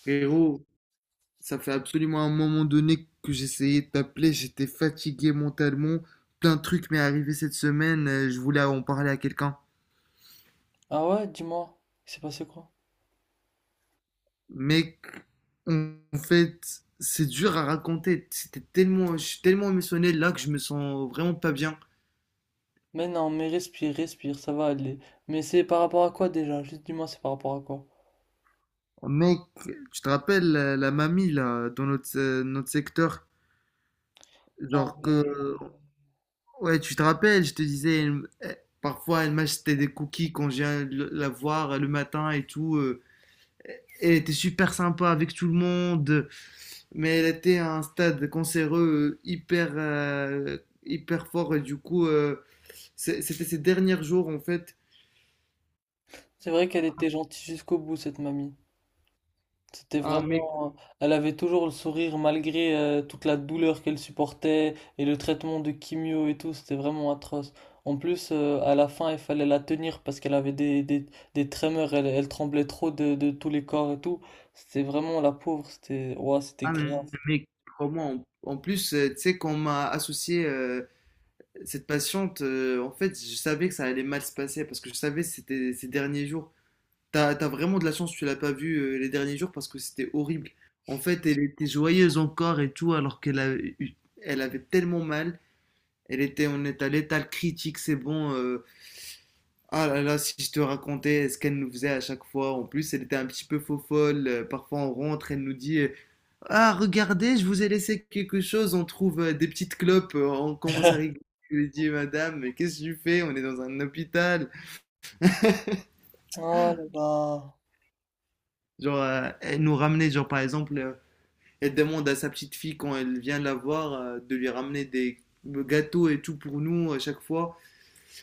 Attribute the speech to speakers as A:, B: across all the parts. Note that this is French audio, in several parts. A: Frérot, ça fait absolument un moment donné que j'essayais de t'appeler. J'étais fatigué mentalement, plein de trucs m'est arrivé cette semaine. Je voulais en parler à quelqu'un.
B: Ah ouais, dis-moi, il s'est passé quoi?
A: Mec, en fait, c'est dur à raconter. C'était tellement, je suis tellement émotionnel là que je me sens vraiment pas bien.
B: Mais non, mais respire, respire, ça va aller. Mais c'est par rapport à quoi déjà? Juste dis-moi, c'est par rapport à quoi?
A: Mec, tu te rappelles la mamie là, dans notre, notre secteur,
B: Ah
A: genre que,
B: ouais.
A: ouais, tu te rappelles, je te disais, parfois elle m'achetait des cookies quand je viens la voir le matin et tout. Elle était super sympa avec tout le monde, mais elle était à un stade cancéreux hyper, hyper fort. Et du coup, c'était ses derniers jours en fait.
B: C'est vrai qu'elle était gentille jusqu'au bout, cette mamie. C'était
A: Ah, mais,
B: vraiment. Elle avait toujours le sourire malgré toute la douleur qu'elle supportait et le traitement de chimio et tout, c'était vraiment atroce. En plus, à la fin, il fallait la tenir parce qu'elle avait des tremors, elle tremblait trop de tous les corps et tout. C'était vraiment la pauvre, c'était. Ouah, c'était
A: ah,
B: grave.
A: mais comment en plus, tu sais, quand on m'a associé cette patiente, en fait, je savais que ça allait mal se passer parce que je savais que c'était ses derniers jours. T'as vraiment de la chance, que tu l'as pas vue les derniers jours parce que c'était horrible. En fait, elle était joyeuse encore et tout, alors qu'elle avait tellement mal. Elle était, on est à l'étal critique, c'est bon. Ah là là, si je te racontais ce qu'elle nous faisait à chaque fois. En plus, elle était un petit peu faux folle. Parfois, on rentre, elle nous dit ah, regardez, je vous ai laissé quelque chose. On trouve des petites clopes. On commence à rigoler. Je lui dis, madame, mais qu'est-ce que tu fais? On est dans un hôpital.
B: Oh là là.
A: Genre, elle nous ramenait, genre par exemple, elle demande à sa petite fille quand elle vient la voir de lui ramener des gâteaux et tout pour nous à chaque fois.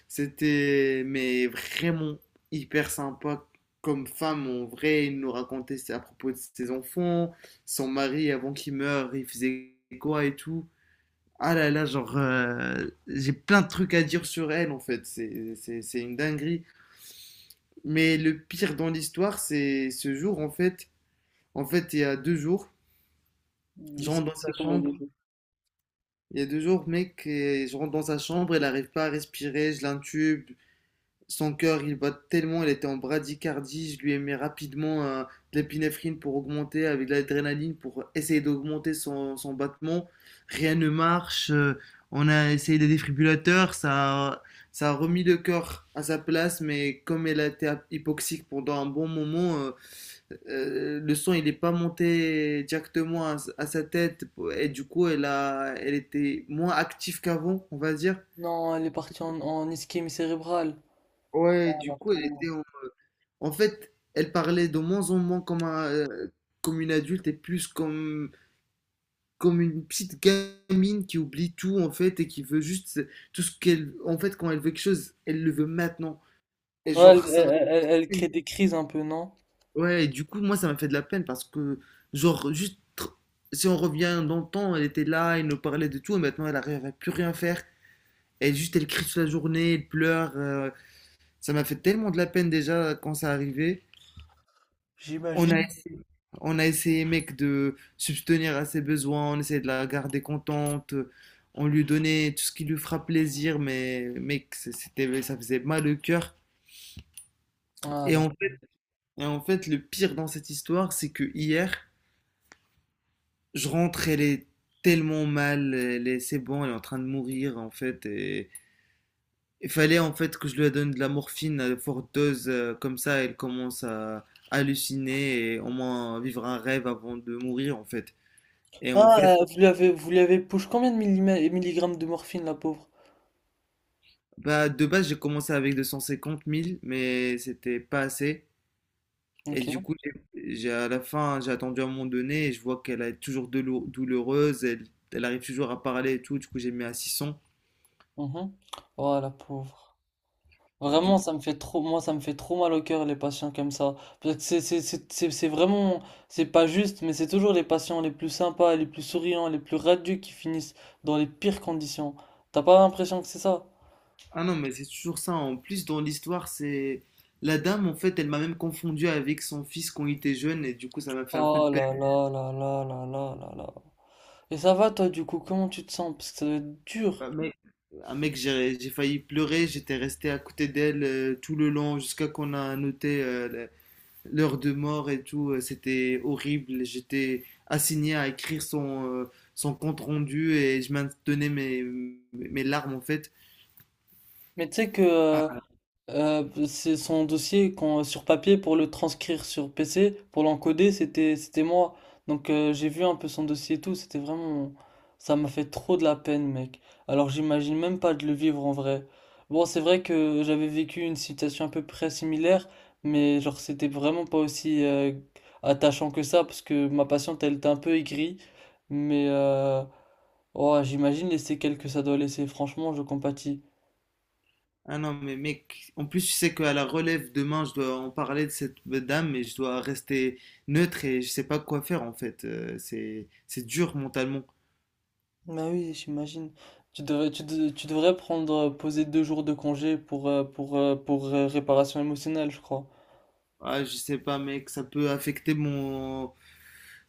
A: C'était mais vraiment hyper sympa comme femme en vrai. Il nous racontait à propos de ses enfants, son mari avant qu'il meure, il faisait quoi et tout. Ah là là, genre, j'ai plein de trucs à dire sur elle en fait. C'est une dinguerie. Mais le pire dans l'histoire, c'est ce jour en fait. En fait, il y a 2 jours,
B: Il
A: je rentre
B: s'est
A: dans sa
B: passé quoi là
A: chambre.
B: déjà?
A: Il y a deux jours, mec, et je rentre dans sa chambre, elle n'arrive pas à respirer, je l'intube. Son cœur, il bat tellement, il était en bradycardie. Je lui ai mis rapidement de l'épinéphrine pour augmenter, avec de l'adrénaline pour essayer d'augmenter son, son battement. Rien ne marche. On a essayé des défibrillateurs, ça a remis le cœur à sa place, mais comme elle a été hypoxique pendant un bon moment, le sang il n'est pas monté directement à sa tête, et du coup elle était moins active qu'avant, on va dire.
B: Non, elle est partie en ischémie cérébrale. Ah,
A: Ouais, du
B: la
A: coup elle était.
B: pauvre.
A: En fait, elle parlait de moins en moins comme, un, comme une adulte, et plus comme, comme une petite gamine qui oublie tout en fait et qui veut juste tout ce qu'elle. En fait, quand elle veut quelque chose, elle le veut maintenant. Et
B: Ouais,
A: genre, ça m'a.
B: elle crée des crises un peu, non?
A: Ouais, et du coup, moi, ça m'a fait de la peine parce que, genre, si on revient dans le temps, elle était là, elle nous parlait de tout, et maintenant elle arrive à plus rien faire. Elle juste, elle crie toute la journée, elle pleure. Ça m'a fait tellement de la peine déjà quand ça arrivait. On a
B: J'imagine.
A: essayé, on a essayé, mec, de subvenir à ses besoins, on essayait de la garder contente, on lui donnait tout ce qui lui fera plaisir, mais mec, c'était, ça faisait mal au cœur.
B: Ah,
A: Et
B: la
A: en
B: pauvre.
A: fait, et en fait, le pire dans cette histoire, c'est que hier, je rentre, elle est tellement mal, elle est, c'est bon, elle est en train de mourir, en fait, et il fallait en fait que je lui donne de la morphine à forte dose, comme ça, elle commence à halluciner et au moins vivre un rêve avant de mourir, en fait. Et en fait,
B: Vous lui avez push combien de milligrammes de morphine, la pauvre?
A: bah, de base, j'ai commencé avec 250 000, mais c'était pas assez. Et du
B: Ok.
A: coup, j'ai, à la fin, j'ai attendu à un moment donné et je vois qu'elle est toujours douloureuse, elle, elle arrive toujours à parler et tout. Du coup, j'ai mis à 600.
B: Mhm. Oh, la pauvre. Vraiment,
A: Du
B: ça
A: coup.
B: me fait trop, moi, ça me fait trop mal au cœur, les patients comme ça. Parce que c'est vraiment, c'est pas juste, mais c'est toujours les patients les plus sympas, les plus souriants, les plus radieux qui finissent dans les pires conditions. T'as pas l'impression que c'est ça?
A: Ah non, mais c'est toujours ça. En plus, dans l'histoire, c'est. La dame, en fait, elle m'a même confondu avec son fils quand il était jeune, et du coup, ça m'a fait un peu de
B: Oh
A: peine.
B: là là là là là là là là. Et ça va toi du coup, comment tu te sens? Parce que ça doit être dur.
A: Un mec, un mec, j'ai failli pleurer, j'étais resté à côté d'elle tout le long jusqu'à qu'on a noté l'heure de mort et tout. C'était horrible. J'étais assigné à écrire son, son compte rendu, et je maintenais mes, mes larmes en fait.
B: Mais tu sais que
A: Ah,
B: C'est son dossier sur papier pour le transcrire sur PC, pour l'encoder, c'était moi. Donc j'ai vu un peu son dossier et tout, c'était vraiment... Ça m'a fait trop de la peine, mec. Alors j'imagine même pas de le vivre en vrai. Bon, c'est vrai que j'avais vécu une situation à peu près similaire, mais genre c'était vraiment pas aussi attachant que ça, parce que ma patiente, elle était un peu aigrie. Mais oh, j'imagine les séquelles que ça doit laisser, franchement, je compatis.
A: ah non, mais mec, en plus, je sais qu'à la relève demain, je dois en parler de cette dame, mais je dois rester neutre et je sais pas quoi faire en fait. C'est dur mentalement.
B: Bah oui, j'imagine. Tu devrais prendre, poser deux jours de congé pour, réparation émotionnelle, je crois.
A: Ah, je sais pas, mec, ça peut affecter mon,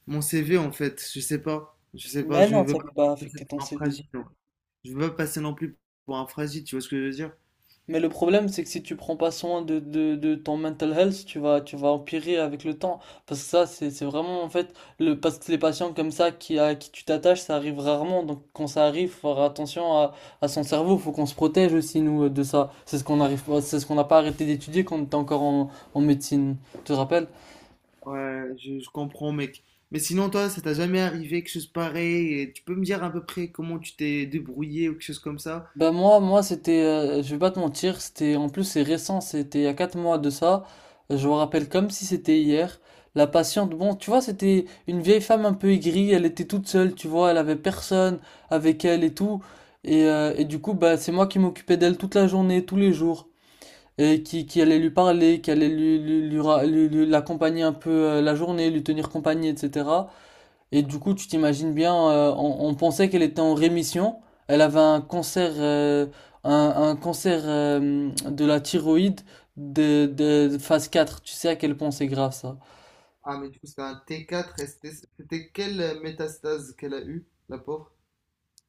A: mon CV en fait. Je sais pas, je sais pas,
B: Mais
A: je
B: non,
A: veux
B: ça
A: pas
B: ne peut pas
A: passer
B: affecter ton
A: pour un
B: CV.
A: fragile. Je veux pas passer non plus pour un fragile, tu vois ce que je veux dire?
B: Mais le problème, c'est que si tu prends pas soin de ton mental health, tu vas empirer avec le temps. Parce que ça, c'est vraiment, en fait, le, parce que les patients comme ça qui, à qui tu t'attaches, ça arrive rarement. Donc quand ça arrive, faut faire attention à son cerveau. Faut qu'on se protège aussi, nous, de ça. C'est ce qu'on n'a pas arrêté d'étudier quand on était encore en médecine. Tu te rappelles?
A: Ouais, je comprends, mec. Mais sinon, toi, ça t'a jamais arrivé quelque chose pareil et tu peux me dire à peu près comment tu t'es débrouillé ou quelque chose comme ça?
B: Moi c'était, je vais pas te mentir, c'était, en plus c'est récent, c'était il y a 4 mois de ça, je me rappelle comme si c'était hier, la patiente, bon tu vois c'était une vieille femme un peu aigrie, elle était toute seule, tu vois, elle avait personne avec elle et tout, et du coup bah c'est moi qui m'occupais d'elle toute la journée, tous les jours, qui allait lui parler, qui allait lui l'accompagner un peu la journée, lui tenir compagnie, etc. Et du coup, tu t'imagines bien, on pensait qu'elle était en rémission. Elle avait un cancer, un cancer de la thyroïde de phase 4. Tu sais à quel point c'est grave ça.
A: Ah, mais du coup, c'était un T4 et c'était, c'était quelle métastase qu'elle a eue, la pauvre?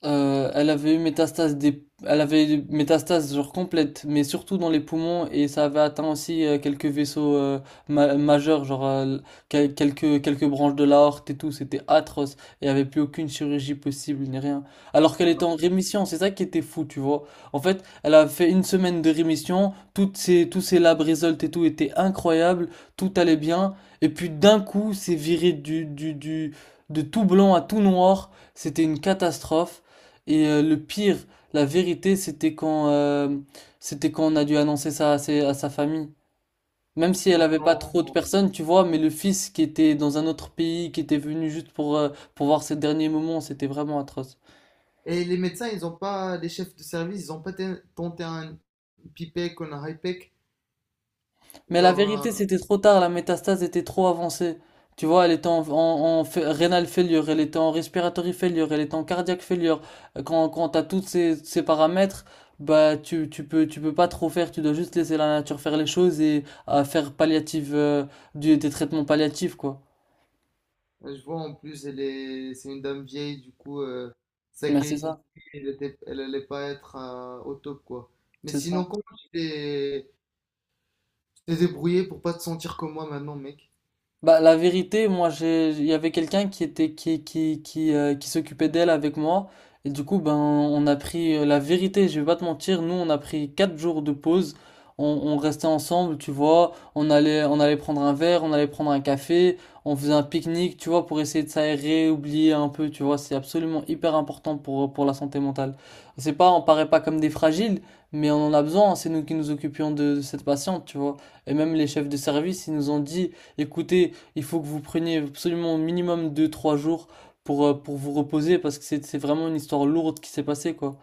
B: Elle avait eu métastase des... elle avait eu métastase genre complète, mais surtout dans les poumons et ça avait atteint aussi quelques vaisseaux majeurs, quelques branches de l'aorte et tout. C'était atroce et il n'y avait plus aucune chirurgie possible ni rien. Alors qu'elle
A: On
B: était en
A: a
B: rémission, c'est ça qui était fou, tu vois. En fait, elle a fait une semaine de rémission, toutes ses tous ses lab results et tout étaient incroyables, tout allait bien et puis d'un coup, c'est viré du de tout blanc à tout noir. C'était une catastrophe. Et le pire, la vérité, c'était quand on a dû annoncer ça à sa famille. Même si elle avait pas
A: vraiment-
B: trop de personnes, tu vois, mais le fils qui était dans un autre pays, qui était venu juste pour voir ses derniers moments, c'était vraiment atroce.
A: Et les médecins, ils ont pas, les chefs de service, ils ont pas tenté un pipec ou un hypec.
B: Mais la vérité,
A: Genre,
B: c'était trop tard, la métastase était trop avancée. Tu vois, elle était renal failure, elle était en respiratory failure, elle était en cardiaque failure. Quand t'as ces paramètres, bah tu, tu peux pas trop faire, tu dois juste laisser la nature faire les choses et à faire palliative des traitements palliatifs quoi.
A: je vois en plus, elle est, c'est une dame vieille, du coup, sa
B: Mais c'est
A: qualité de
B: ça,
A: vie, elle était, elle allait pas être au top, quoi. Mais
B: c'est ça.
A: sinon, comment tu t'es, t'es débrouillé pour pas te sentir comme moi maintenant, mec.
B: Bah, la vérité, moi, j'ai, il y avait quelqu'un qui était, qui s'occupait d'elle avec moi. Et du coup, ben, on a pris la vérité, je vais pas te mentir. Nous, on a pris quatre jours de pause. On restait ensemble, tu vois. On allait prendre un verre, on allait prendre un café. On faisait un pique-nique, tu vois, pour essayer de s'aérer, oublier un peu, tu vois. C'est absolument hyper important pour la santé mentale. C'est pas, on paraît pas comme des fragiles, mais on en a besoin. C'est nous qui nous occupions de cette patiente, tu vois. Et même les chefs de service, ils nous ont dit, écoutez, il faut que vous preniez absolument au minimum deux trois jours pour vous reposer parce que c'est vraiment une histoire lourde qui s'est passée quoi.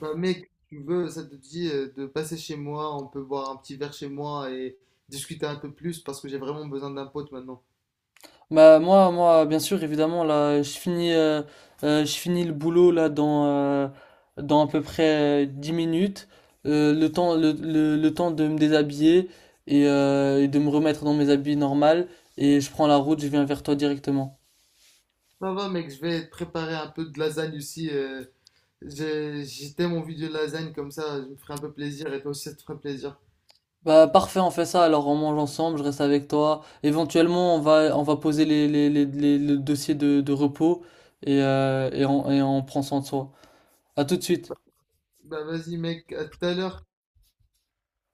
A: Bah, mec, tu veux, ça te dit de passer chez moi, on peut boire un petit verre chez moi et discuter un peu plus parce que j'ai vraiment besoin d'un pote maintenant.
B: Bah moi moi bien sûr évidemment là je finis le boulot là dans dans à peu près 10 minutes. Le temps le temps de me déshabiller et de me remettre dans mes habits normaux et je prends la route, je viens vers toi directement.
A: Ça va, mec, je vais te préparer un peu de lasagne aussi. J'ai tellement envie de lasagne comme ça, je me ferai un peu plaisir et toi aussi ça te ferait plaisir.
B: Bah parfait, on fait ça. Alors on mange ensemble, je reste avec toi. Éventuellement, on va poser le dossier de repos et et on prend soin de soi. À tout de suite.
A: Bah, vas-y, mec, à tout à l'heure.